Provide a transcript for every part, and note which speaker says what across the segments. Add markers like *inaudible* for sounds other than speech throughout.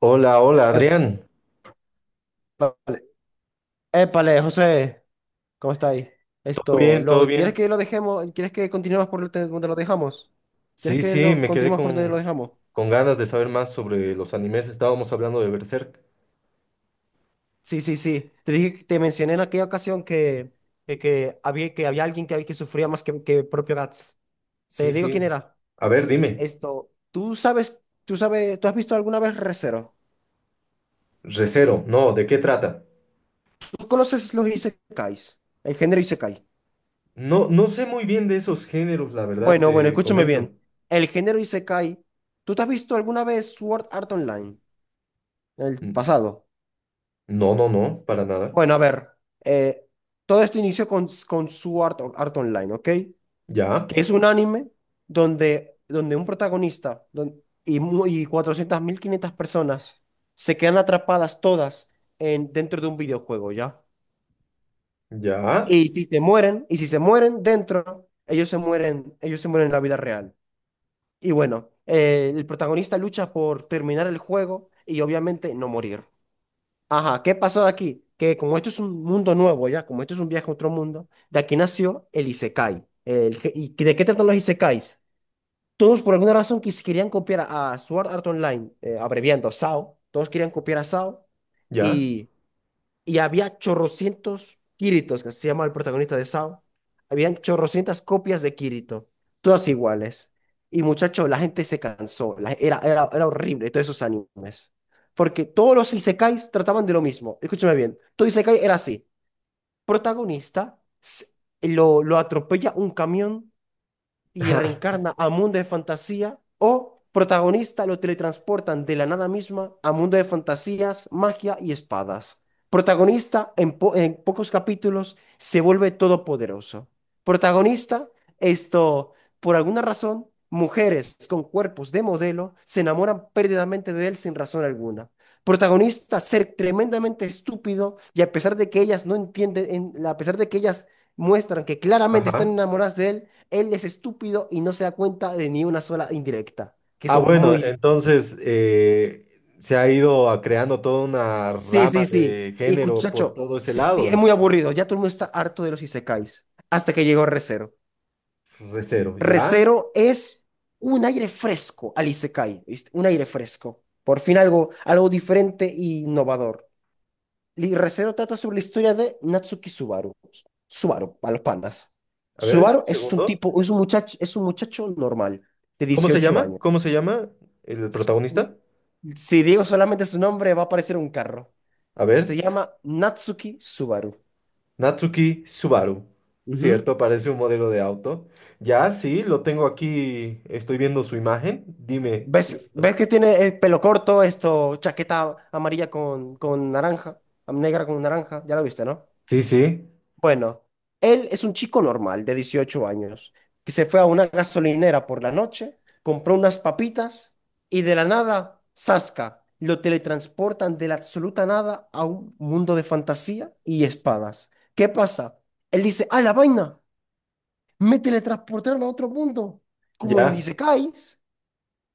Speaker 1: Hola, hola,
Speaker 2: Épale,
Speaker 1: Adrián.
Speaker 2: épale, José, ¿cómo está ahí?
Speaker 1: ¿Todo
Speaker 2: Esto,
Speaker 1: bien? ¿Todo
Speaker 2: lo, ¿quieres
Speaker 1: bien?
Speaker 2: que lo dejemos? ¿Quieres que continuemos por donde lo dejamos? ¿Quieres
Speaker 1: Sí,
Speaker 2: que
Speaker 1: sí,
Speaker 2: lo
Speaker 1: me quedé
Speaker 2: continuemos por donde lo dejamos?
Speaker 1: con ganas de saber más sobre los animes. Estábamos hablando de Berserk.
Speaker 2: Sí, sí, sí. Te dije, te mencioné en aquella ocasión que había alguien que sufría más que propio Gats. Te
Speaker 1: Sí,
Speaker 2: digo quién
Speaker 1: sí.
Speaker 2: era.
Speaker 1: A ver, dime.
Speaker 2: Esto, ¿tú has visto alguna vez Re:Zero?
Speaker 1: Recero, no, ¿de qué trata?
Speaker 2: ¿Tú conoces los isekais? El género isekai.
Speaker 1: No, no sé muy bien de esos géneros, la verdad,
Speaker 2: Bueno, bueno,
Speaker 1: te
Speaker 2: escúchame
Speaker 1: comento.
Speaker 2: bien. El género isekai, ¿tú te has visto alguna vez Sword Art Online? El
Speaker 1: N-
Speaker 2: pasado.
Speaker 1: No, no, no, para nada.
Speaker 2: Bueno, a ver. eh, todo esto inició con Sword Art Online, ¿ok?
Speaker 1: Ya,
Speaker 2: Que es un anime donde un protagonista y 400.000, 500 personas se quedan atrapadas todas dentro de un videojuego, ¿ya?
Speaker 1: ya,
Speaker 2: Y si se mueren dentro, ellos se mueren en la vida real. Y bueno, el protagonista lucha por terminar el juego y obviamente no morir. Ajá, ¿qué pasó aquí? Que como esto es un mundo nuevo ya, como esto es un viaje a otro mundo, de aquí nació el isekai. ¿Y de qué tratan los isekais? Todos por alguna razón querían copiar a Sword Art Online, abreviando SAO, todos querían copiar a SAO,
Speaker 1: ya.
Speaker 2: y había chorrocientos Kiritos, que se llama el protagonista de SAO. Habían chorrocientas copias de Kirito, todas iguales. Y muchacho, la gente se cansó, era horrible todos esos animes. Porque todos los isekais trataban de lo mismo. Escúchame bien, todo isekai era así. Protagonista, lo atropella un camión y
Speaker 1: *laughs*
Speaker 2: reencarna a mundo de fantasía, o protagonista lo teletransportan de la nada misma a mundo de fantasías, magia y espadas. Protagonista en pocos capítulos se vuelve todopoderoso. Protagonista, esto, por alguna razón, mujeres con cuerpos de modelo se enamoran perdidamente de él sin razón alguna. Protagonista, ser tremendamente estúpido y a pesar de que ellas no entienden, a pesar de que ellas muestran que claramente están
Speaker 1: Ajá.
Speaker 2: enamoradas de él, él es estúpido y no se da cuenta de ni una sola indirecta, que
Speaker 1: Ah,
Speaker 2: son
Speaker 1: bueno,
Speaker 2: muy.
Speaker 1: entonces se ha creando toda una
Speaker 2: Sí,
Speaker 1: rama
Speaker 2: sí, sí.
Speaker 1: de
Speaker 2: Y
Speaker 1: género por
Speaker 2: muchacho,
Speaker 1: todo ese
Speaker 2: sí, sí,
Speaker 1: lado.
Speaker 2: es muy aburrido. Ya todo el mundo está harto de los isekais. Hasta que llegó Recero.
Speaker 1: Recero, ¿ya?
Speaker 2: Recero es un aire fresco al isekai, ¿viste? Un aire fresco. Por fin algo, diferente e innovador. Y Recero trata sobre la historia de Natsuki Subaru. Subaru, a los panas.
Speaker 1: A ver, dame
Speaker 2: Subaru
Speaker 1: un
Speaker 2: es un
Speaker 1: segundo.
Speaker 2: tipo, es un muchacho normal, de
Speaker 1: ¿Cómo se
Speaker 2: 18
Speaker 1: llama?
Speaker 2: años.
Speaker 1: ¿Cómo se llama el protagonista?
Speaker 2: Si digo solamente su nombre, va a aparecer un carro.
Speaker 1: A
Speaker 2: Se
Speaker 1: ver,
Speaker 2: llama Natsuki Subaru.
Speaker 1: Natsuki Subaru.
Speaker 2: Ujú.
Speaker 1: Cierto, parece un modelo de auto. Ya, sí, lo tengo aquí. Estoy viendo su imagen. Dime.
Speaker 2: ¿Ves que tiene el pelo corto, esto, chaqueta amarilla con naranja, negra con naranja? Ya lo viste, ¿no?
Speaker 1: Sí, sí,
Speaker 2: Bueno, él es un chico normal de 18 años que se fue a una gasolinera por la noche, compró unas papitas y de la nada, ¡zasca! Lo teletransportan de la absoluta nada a un mundo de fantasía y espadas. ¿Qué pasa? Él dice, ¡ah, la vaina! Me teletransportaron a otro mundo, como en los
Speaker 1: ya.
Speaker 2: isekais.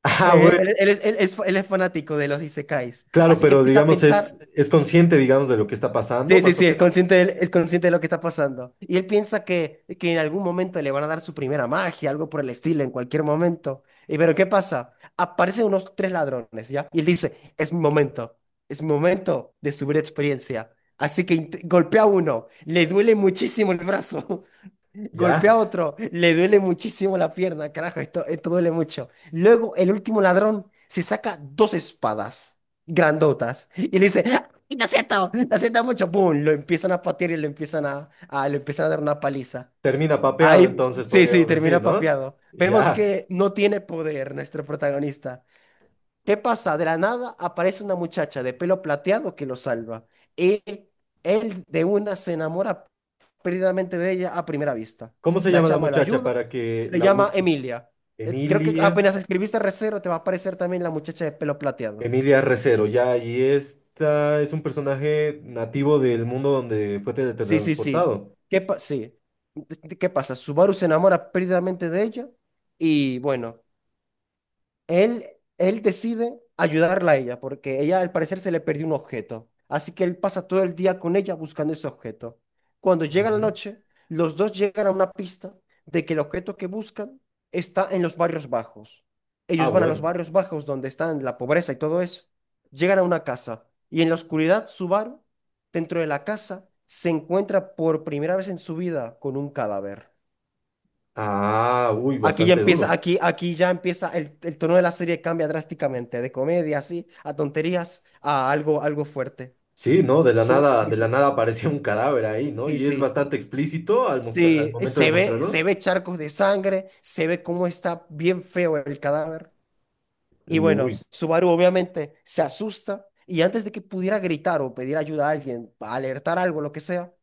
Speaker 1: Ah,
Speaker 2: Eh,
Speaker 1: bueno,
Speaker 2: él, él es, él es- él es fanático de los isekais,
Speaker 1: claro,
Speaker 2: así que
Speaker 1: pero
Speaker 2: empieza a
Speaker 1: digamos
Speaker 2: pensar,
Speaker 1: es consciente, digamos, de lo que está pasando,
Speaker 2: sí, sí,
Speaker 1: más o
Speaker 2: sí, es
Speaker 1: menos.
Speaker 2: consciente, es consciente de lo que está pasando. Y él piensa que en algún momento le van a dar su primera magia, algo por el estilo, en cualquier momento. Y pero ¿qué pasa? Aparecen unos tres ladrones, ¿ya? Y él dice, es mi momento, de subir experiencia. Así que golpea a uno, le duele muchísimo el brazo. Golpea
Speaker 1: Ya,
Speaker 2: a otro, le duele muchísimo la pierna, carajo, esto duele mucho. Luego el último ladrón se saca dos espadas grandotas y le dice, "Ah, lo siento mucho", ¡pum! Lo empiezan a patear y lo empiezan a- le empiezan a dar una paliza.
Speaker 1: termina papeado,
Speaker 2: Ahí,
Speaker 1: entonces
Speaker 2: sí, sí,
Speaker 1: podríamos decir,
Speaker 2: termina
Speaker 1: ¿no?
Speaker 2: papeado. Vemos
Speaker 1: Ya.
Speaker 2: que no tiene poder nuestro protagonista. ¿Qué pasa? De la nada aparece una muchacha de pelo plateado que lo salva. Y él de una se enamora perdidamente de ella a primera vista.
Speaker 1: ¿Cómo se
Speaker 2: La
Speaker 1: llama la
Speaker 2: chama lo
Speaker 1: muchacha
Speaker 2: ayuda,
Speaker 1: para que
Speaker 2: se
Speaker 1: la
Speaker 2: llama
Speaker 1: busque?
Speaker 2: Emilia. Creo que
Speaker 1: Emilia.
Speaker 2: apenas escribiste Recero te va a aparecer también la muchacha de pelo plateado.
Speaker 1: Emilia Recero, ya, y esta es un personaje nativo del mundo donde fue
Speaker 2: Sí, sí, sí.
Speaker 1: teletransportado.
Speaker 2: Sí. ¿Qué pasa? Subaru se enamora perdidamente de ella y bueno, Él, él decide ayudarla a ella porque ella al parecer se le perdió un objeto. Así que él pasa todo el día con ella buscando ese objeto. Cuando llega la
Speaker 1: Ujú.
Speaker 2: noche, los dos llegan a una pista de que el objeto que buscan está en los barrios bajos.
Speaker 1: Ah,
Speaker 2: Ellos van a los
Speaker 1: bueno.
Speaker 2: barrios bajos donde están la pobreza y todo eso. Llegan a una casa y en la oscuridad Subaru, dentro de la casa, se encuentra por primera vez en su vida con un cadáver.
Speaker 1: Ah, uy,
Speaker 2: Aquí ya
Speaker 1: bastante
Speaker 2: empieza,
Speaker 1: duro.
Speaker 2: aquí, aquí ya empieza, el tono de la serie cambia drásticamente, de comedia, así, a tonterías, a algo, fuerte.
Speaker 1: Sí, ¿no?
Speaker 2: Sí,
Speaker 1: De la
Speaker 2: sí,
Speaker 1: nada apareció un cadáver ahí, ¿no?
Speaker 2: sí,
Speaker 1: Y es
Speaker 2: sí.
Speaker 1: bastante explícito al
Speaker 2: Sí,
Speaker 1: momento de
Speaker 2: se ve,
Speaker 1: mostrarlo.
Speaker 2: charcos de sangre, se ve cómo está bien feo el cadáver. Y bueno,
Speaker 1: Uy.
Speaker 2: Subaru obviamente se asusta y antes de que pudiera gritar o pedir ayuda a alguien, alertar algo, lo que sea,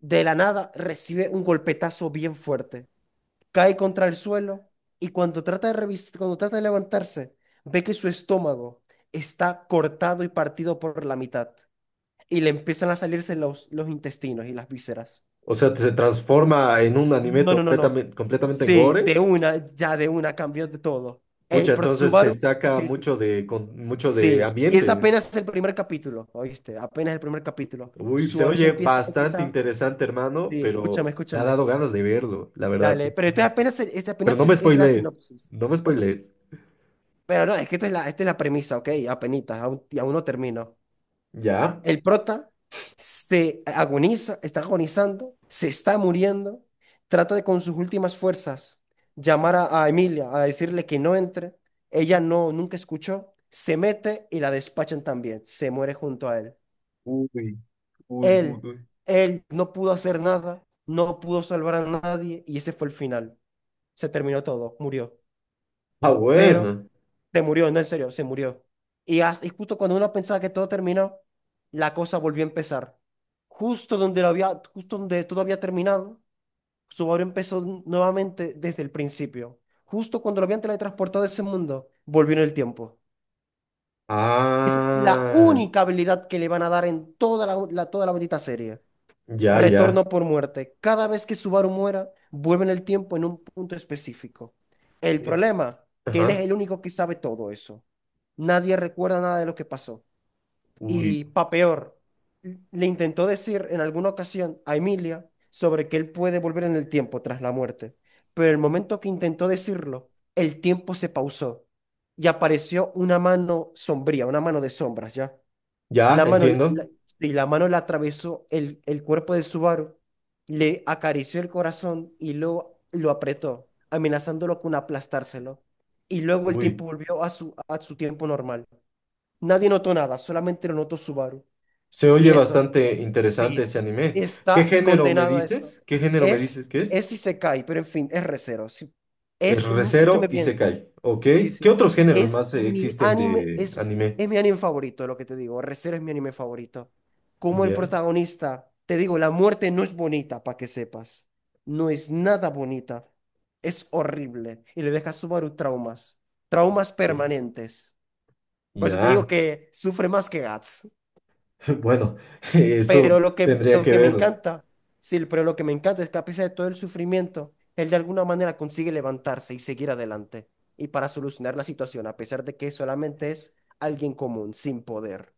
Speaker 2: de la nada recibe un golpetazo bien fuerte, cae contra el suelo y cuando trata de levantarse, ve que su estómago está cortado y partido por la mitad y le empiezan a salirse los intestinos y las vísceras.
Speaker 1: O sea, se transforma en un anime
Speaker 2: No, no, no, no.
Speaker 1: completamente, completamente en
Speaker 2: Sí,
Speaker 1: gore.
Speaker 2: de una, ya de una cambió de todo.
Speaker 1: Pucha, entonces te
Speaker 2: Subaru,
Speaker 1: saca
Speaker 2: sí, sí.
Speaker 1: mucho mucho de
Speaker 2: Sí, y es
Speaker 1: ambiente.
Speaker 2: apenas el primer capítulo, ¿oíste? Apenas el primer capítulo.
Speaker 1: Uy, se
Speaker 2: Subaru se
Speaker 1: oye
Speaker 2: empieza,
Speaker 1: bastante
Speaker 2: empieza,
Speaker 1: interesante, hermano,
Speaker 2: sí, escúchame,
Speaker 1: pero me ha
Speaker 2: escúchame.
Speaker 1: dado ganas de verlo, la verdad. Sí,
Speaker 2: Dale, pero este
Speaker 1: sí, sí.
Speaker 2: apenas, este
Speaker 1: Pero
Speaker 2: apenas
Speaker 1: no
Speaker 2: es,
Speaker 1: me
Speaker 2: es la
Speaker 1: spoilees,
Speaker 2: sinopsis.
Speaker 1: no me
Speaker 2: No te-
Speaker 1: spoilees.
Speaker 2: Pero no, es que esta es la premisa, ¿ok? Apenitas, aún no termino.
Speaker 1: ¿Ya?
Speaker 2: El prota se agoniza, está agonizando, se está muriendo, trata de con sus últimas fuerzas llamar a Emilia, a decirle que no entre. Ella no, nunca escuchó, se mete y la despachan también, se muere junto a él.
Speaker 1: Uy, uy, uy,
Speaker 2: Él,
Speaker 1: uy.
Speaker 2: él no pudo hacer nada, no pudo salvar a nadie y ese fue el final. Se terminó todo, murió.
Speaker 1: Ah,
Speaker 2: Pero
Speaker 1: bueno.
Speaker 2: se murió, no en serio, se murió. Y justo cuando uno pensaba que todo terminó, la cosa volvió a empezar. Justo donde todo había terminado, Subaru empezó nuevamente desde el principio. Justo cuando lo habían teletransportado a ese mundo, volvió en el tiempo. Esa es la
Speaker 1: Ah,
Speaker 2: única habilidad que le van a dar en toda la bonita serie.
Speaker 1: ya, ya.
Speaker 2: Retorno por muerte. Cada vez que Subaru muera, vuelve en el tiempo en un punto específico. El
Speaker 1: Eh,
Speaker 2: problema, que él es
Speaker 1: ajá.
Speaker 2: el único que sabe todo eso. Nadie recuerda nada de lo que pasó.
Speaker 1: Uy,
Speaker 2: Y pa' peor, le intentó decir en alguna ocasión a Emilia sobre que él puede volver en el tiempo tras la muerte. Pero el momento que intentó decirlo, el tiempo se pausó y apareció una mano sombría, una mano de sombras ya.
Speaker 1: ya,
Speaker 2: La mano, la- la-
Speaker 1: entiendo.
Speaker 2: y la mano le atravesó el cuerpo de Subaru, le acarició el corazón y lo apretó, amenazándolo con aplastárselo. Y luego el tiempo
Speaker 1: Uy,
Speaker 2: volvió a su tiempo normal. Nadie notó nada, solamente lo notó Subaru.
Speaker 1: se
Speaker 2: Y
Speaker 1: oye
Speaker 2: eso,
Speaker 1: bastante interesante
Speaker 2: sí,
Speaker 1: ese anime. ¿Qué
Speaker 2: está
Speaker 1: género me
Speaker 2: condenado a eso.
Speaker 1: dices? ¿Qué género me
Speaker 2: Es,
Speaker 1: dices que es?
Speaker 2: es si se cae, pero en fin, es Recero. Sí.
Speaker 1: Es
Speaker 2: Es, mi-
Speaker 1: Recero
Speaker 2: escúchame
Speaker 1: y
Speaker 2: bien.
Speaker 1: Sekai, ¿ok?
Speaker 2: Sí,
Speaker 1: ¿Qué
Speaker 2: sí.
Speaker 1: otros géneros
Speaker 2: Es
Speaker 1: más
Speaker 2: mi
Speaker 1: existen
Speaker 2: anime,
Speaker 1: de
Speaker 2: es,
Speaker 1: anime?
Speaker 2: es mi anime favorito, lo que te digo. Re:Zero es mi anime favorito. Como el
Speaker 1: Ya.
Speaker 2: protagonista, te digo, la muerte no es bonita, para que sepas. No es nada bonita. Es horrible. Y le deja a Subaru traumas. Traumas
Speaker 1: Ok.
Speaker 2: permanentes. Por eso te digo
Speaker 1: Ya,
Speaker 2: que sufre más que Guts.
Speaker 1: *laughs* bueno, *laughs* eso
Speaker 2: Pero lo que,
Speaker 1: tendría
Speaker 2: lo
Speaker 1: que
Speaker 2: que me
Speaker 1: ver.
Speaker 2: encanta, sí, pero lo que me encanta es que a pesar de todo el sufrimiento, él de alguna manera consigue levantarse y seguir adelante. Y para solucionar la situación, a pesar de que solamente es alguien común, sin poder.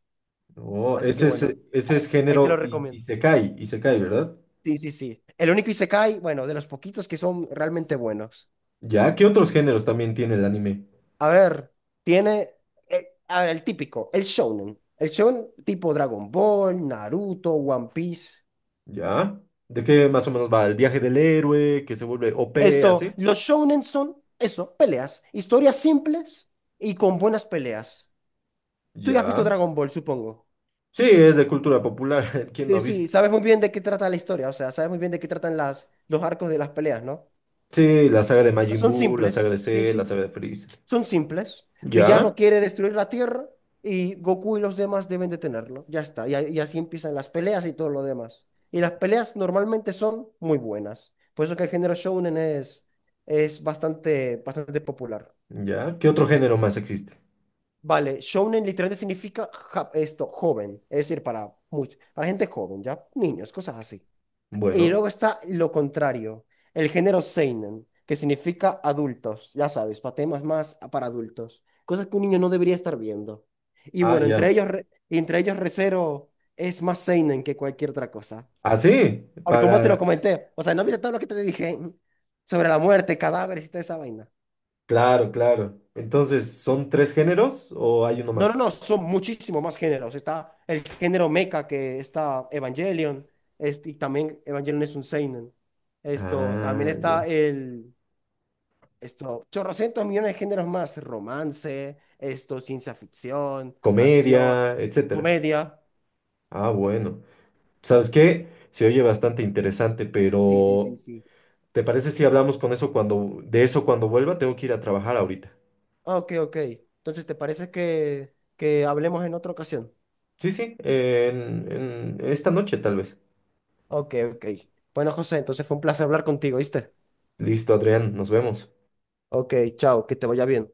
Speaker 1: Oh,
Speaker 2: Así que bueno,
Speaker 1: ese es
Speaker 2: ahí te
Speaker 1: género
Speaker 2: lo
Speaker 1: y
Speaker 2: recomiendo.
Speaker 1: se cae, y se cae, ¿verdad?
Speaker 2: Sí, sí, sí. El único isekai, bueno, de los poquitos que son realmente buenos.
Speaker 1: Ya, ¿qué otros géneros también tiene el anime?
Speaker 2: A ver, tiene, a ver, el típico, el shonen. El shonen tipo Dragon Ball, Naruto, One Piece.
Speaker 1: Ya, ¿de qué más o menos va? El viaje del héroe, que se vuelve OP,
Speaker 2: Esto,
Speaker 1: así.
Speaker 2: los shounen son eso, peleas, historias simples y con buenas peleas. Tú ya has visto
Speaker 1: Ya,
Speaker 2: Dragon Ball, supongo.
Speaker 1: sí, es de cultura popular, *laughs* ¿quién no
Speaker 2: Sí,
Speaker 1: ha
Speaker 2: sí,
Speaker 1: visto?
Speaker 2: sabes muy bien de qué trata la historia, o sea, sabes muy bien de qué tratan las, los arcos de las peleas, ¿no?
Speaker 1: Sí, la saga de Majin
Speaker 2: Son
Speaker 1: Buu, la saga
Speaker 2: simples,
Speaker 1: de
Speaker 2: sí,
Speaker 1: Cell, la
Speaker 2: sí,
Speaker 1: saga de Freezer.
Speaker 2: son simples. Villano
Speaker 1: Ya,
Speaker 2: quiere destruir la Tierra y Goku y los demás deben detenerlo, ya está, y, así empiezan las peleas y todo lo demás. Y las peleas normalmente son muy buenas, por eso que el género shounen es bastante, bastante popular.
Speaker 1: ya, ¿qué otro género más existe?
Speaker 2: Vale, shounen literalmente significa esto, joven, es decir, para, para gente joven, ya, niños, cosas así. Y
Speaker 1: Bueno,
Speaker 2: luego está lo contrario, el género seinen, que significa adultos, ya sabes, para temas más para adultos, cosas que un niño no debería estar viendo. Y
Speaker 1: ah,
Speaker 2: bueno, entre
Speaker 1: ya.
Speaker 2: ellos, Re- entre ellos Re:Zero es más seinen que cualquier otra cosa.
Speaker 1: Ah, sí,
Speaker 2: Por como te lo
Speaker 1: para
Speaker 2: comenté, o sea, no viste todo lo que te dije sobre la muerte, cadáveres y toda esa vaina.
Speaker 1: claro, claro. Entonces, ¿son tres géneros o hay uno
Speaker 2: No, no,
Speaker 1: más?
Speaker 2: no, son muchísimos más géneros. Está el género mecha que está Evangelion, este, y también Evangelion es un seinen. Esto, también
Speaker 1: Ah,
Speaker 2: está
Speaker 1: ya.
Speaker 2: el, esto, chorrocientos millones de géneros más, romance, esto, ciencia ficción, acción,
Speaker 1: Comedia, etcétera.
Speaker 2: comedia.
Speaker 1: Ah, bueno. ¿Sabes qué? Se oye bastante interesante,
Speaker 2: Sí, sí, sí,
Speaker 1: pero
Speaker 2: sí.
Speaker 1: ¿te parece si hablamos con eso cuando, de eso cuando vuelva? Tengo que ir a trabajar ahorita.
Speaker 2: Ok, ok. Entonces, ¿te parece que, hablemos en otra ocasión?
Speaker 1: Sí, sí, en esta noche tal vez.
Speaker 2: Ok, ok. Bueno, José, entonces fue un placer hablar contigo, ¿viste?
Speaker 1: Listo, Adrián, nos vemos.
Speaker 2: Ok, chao, que te vaya bien.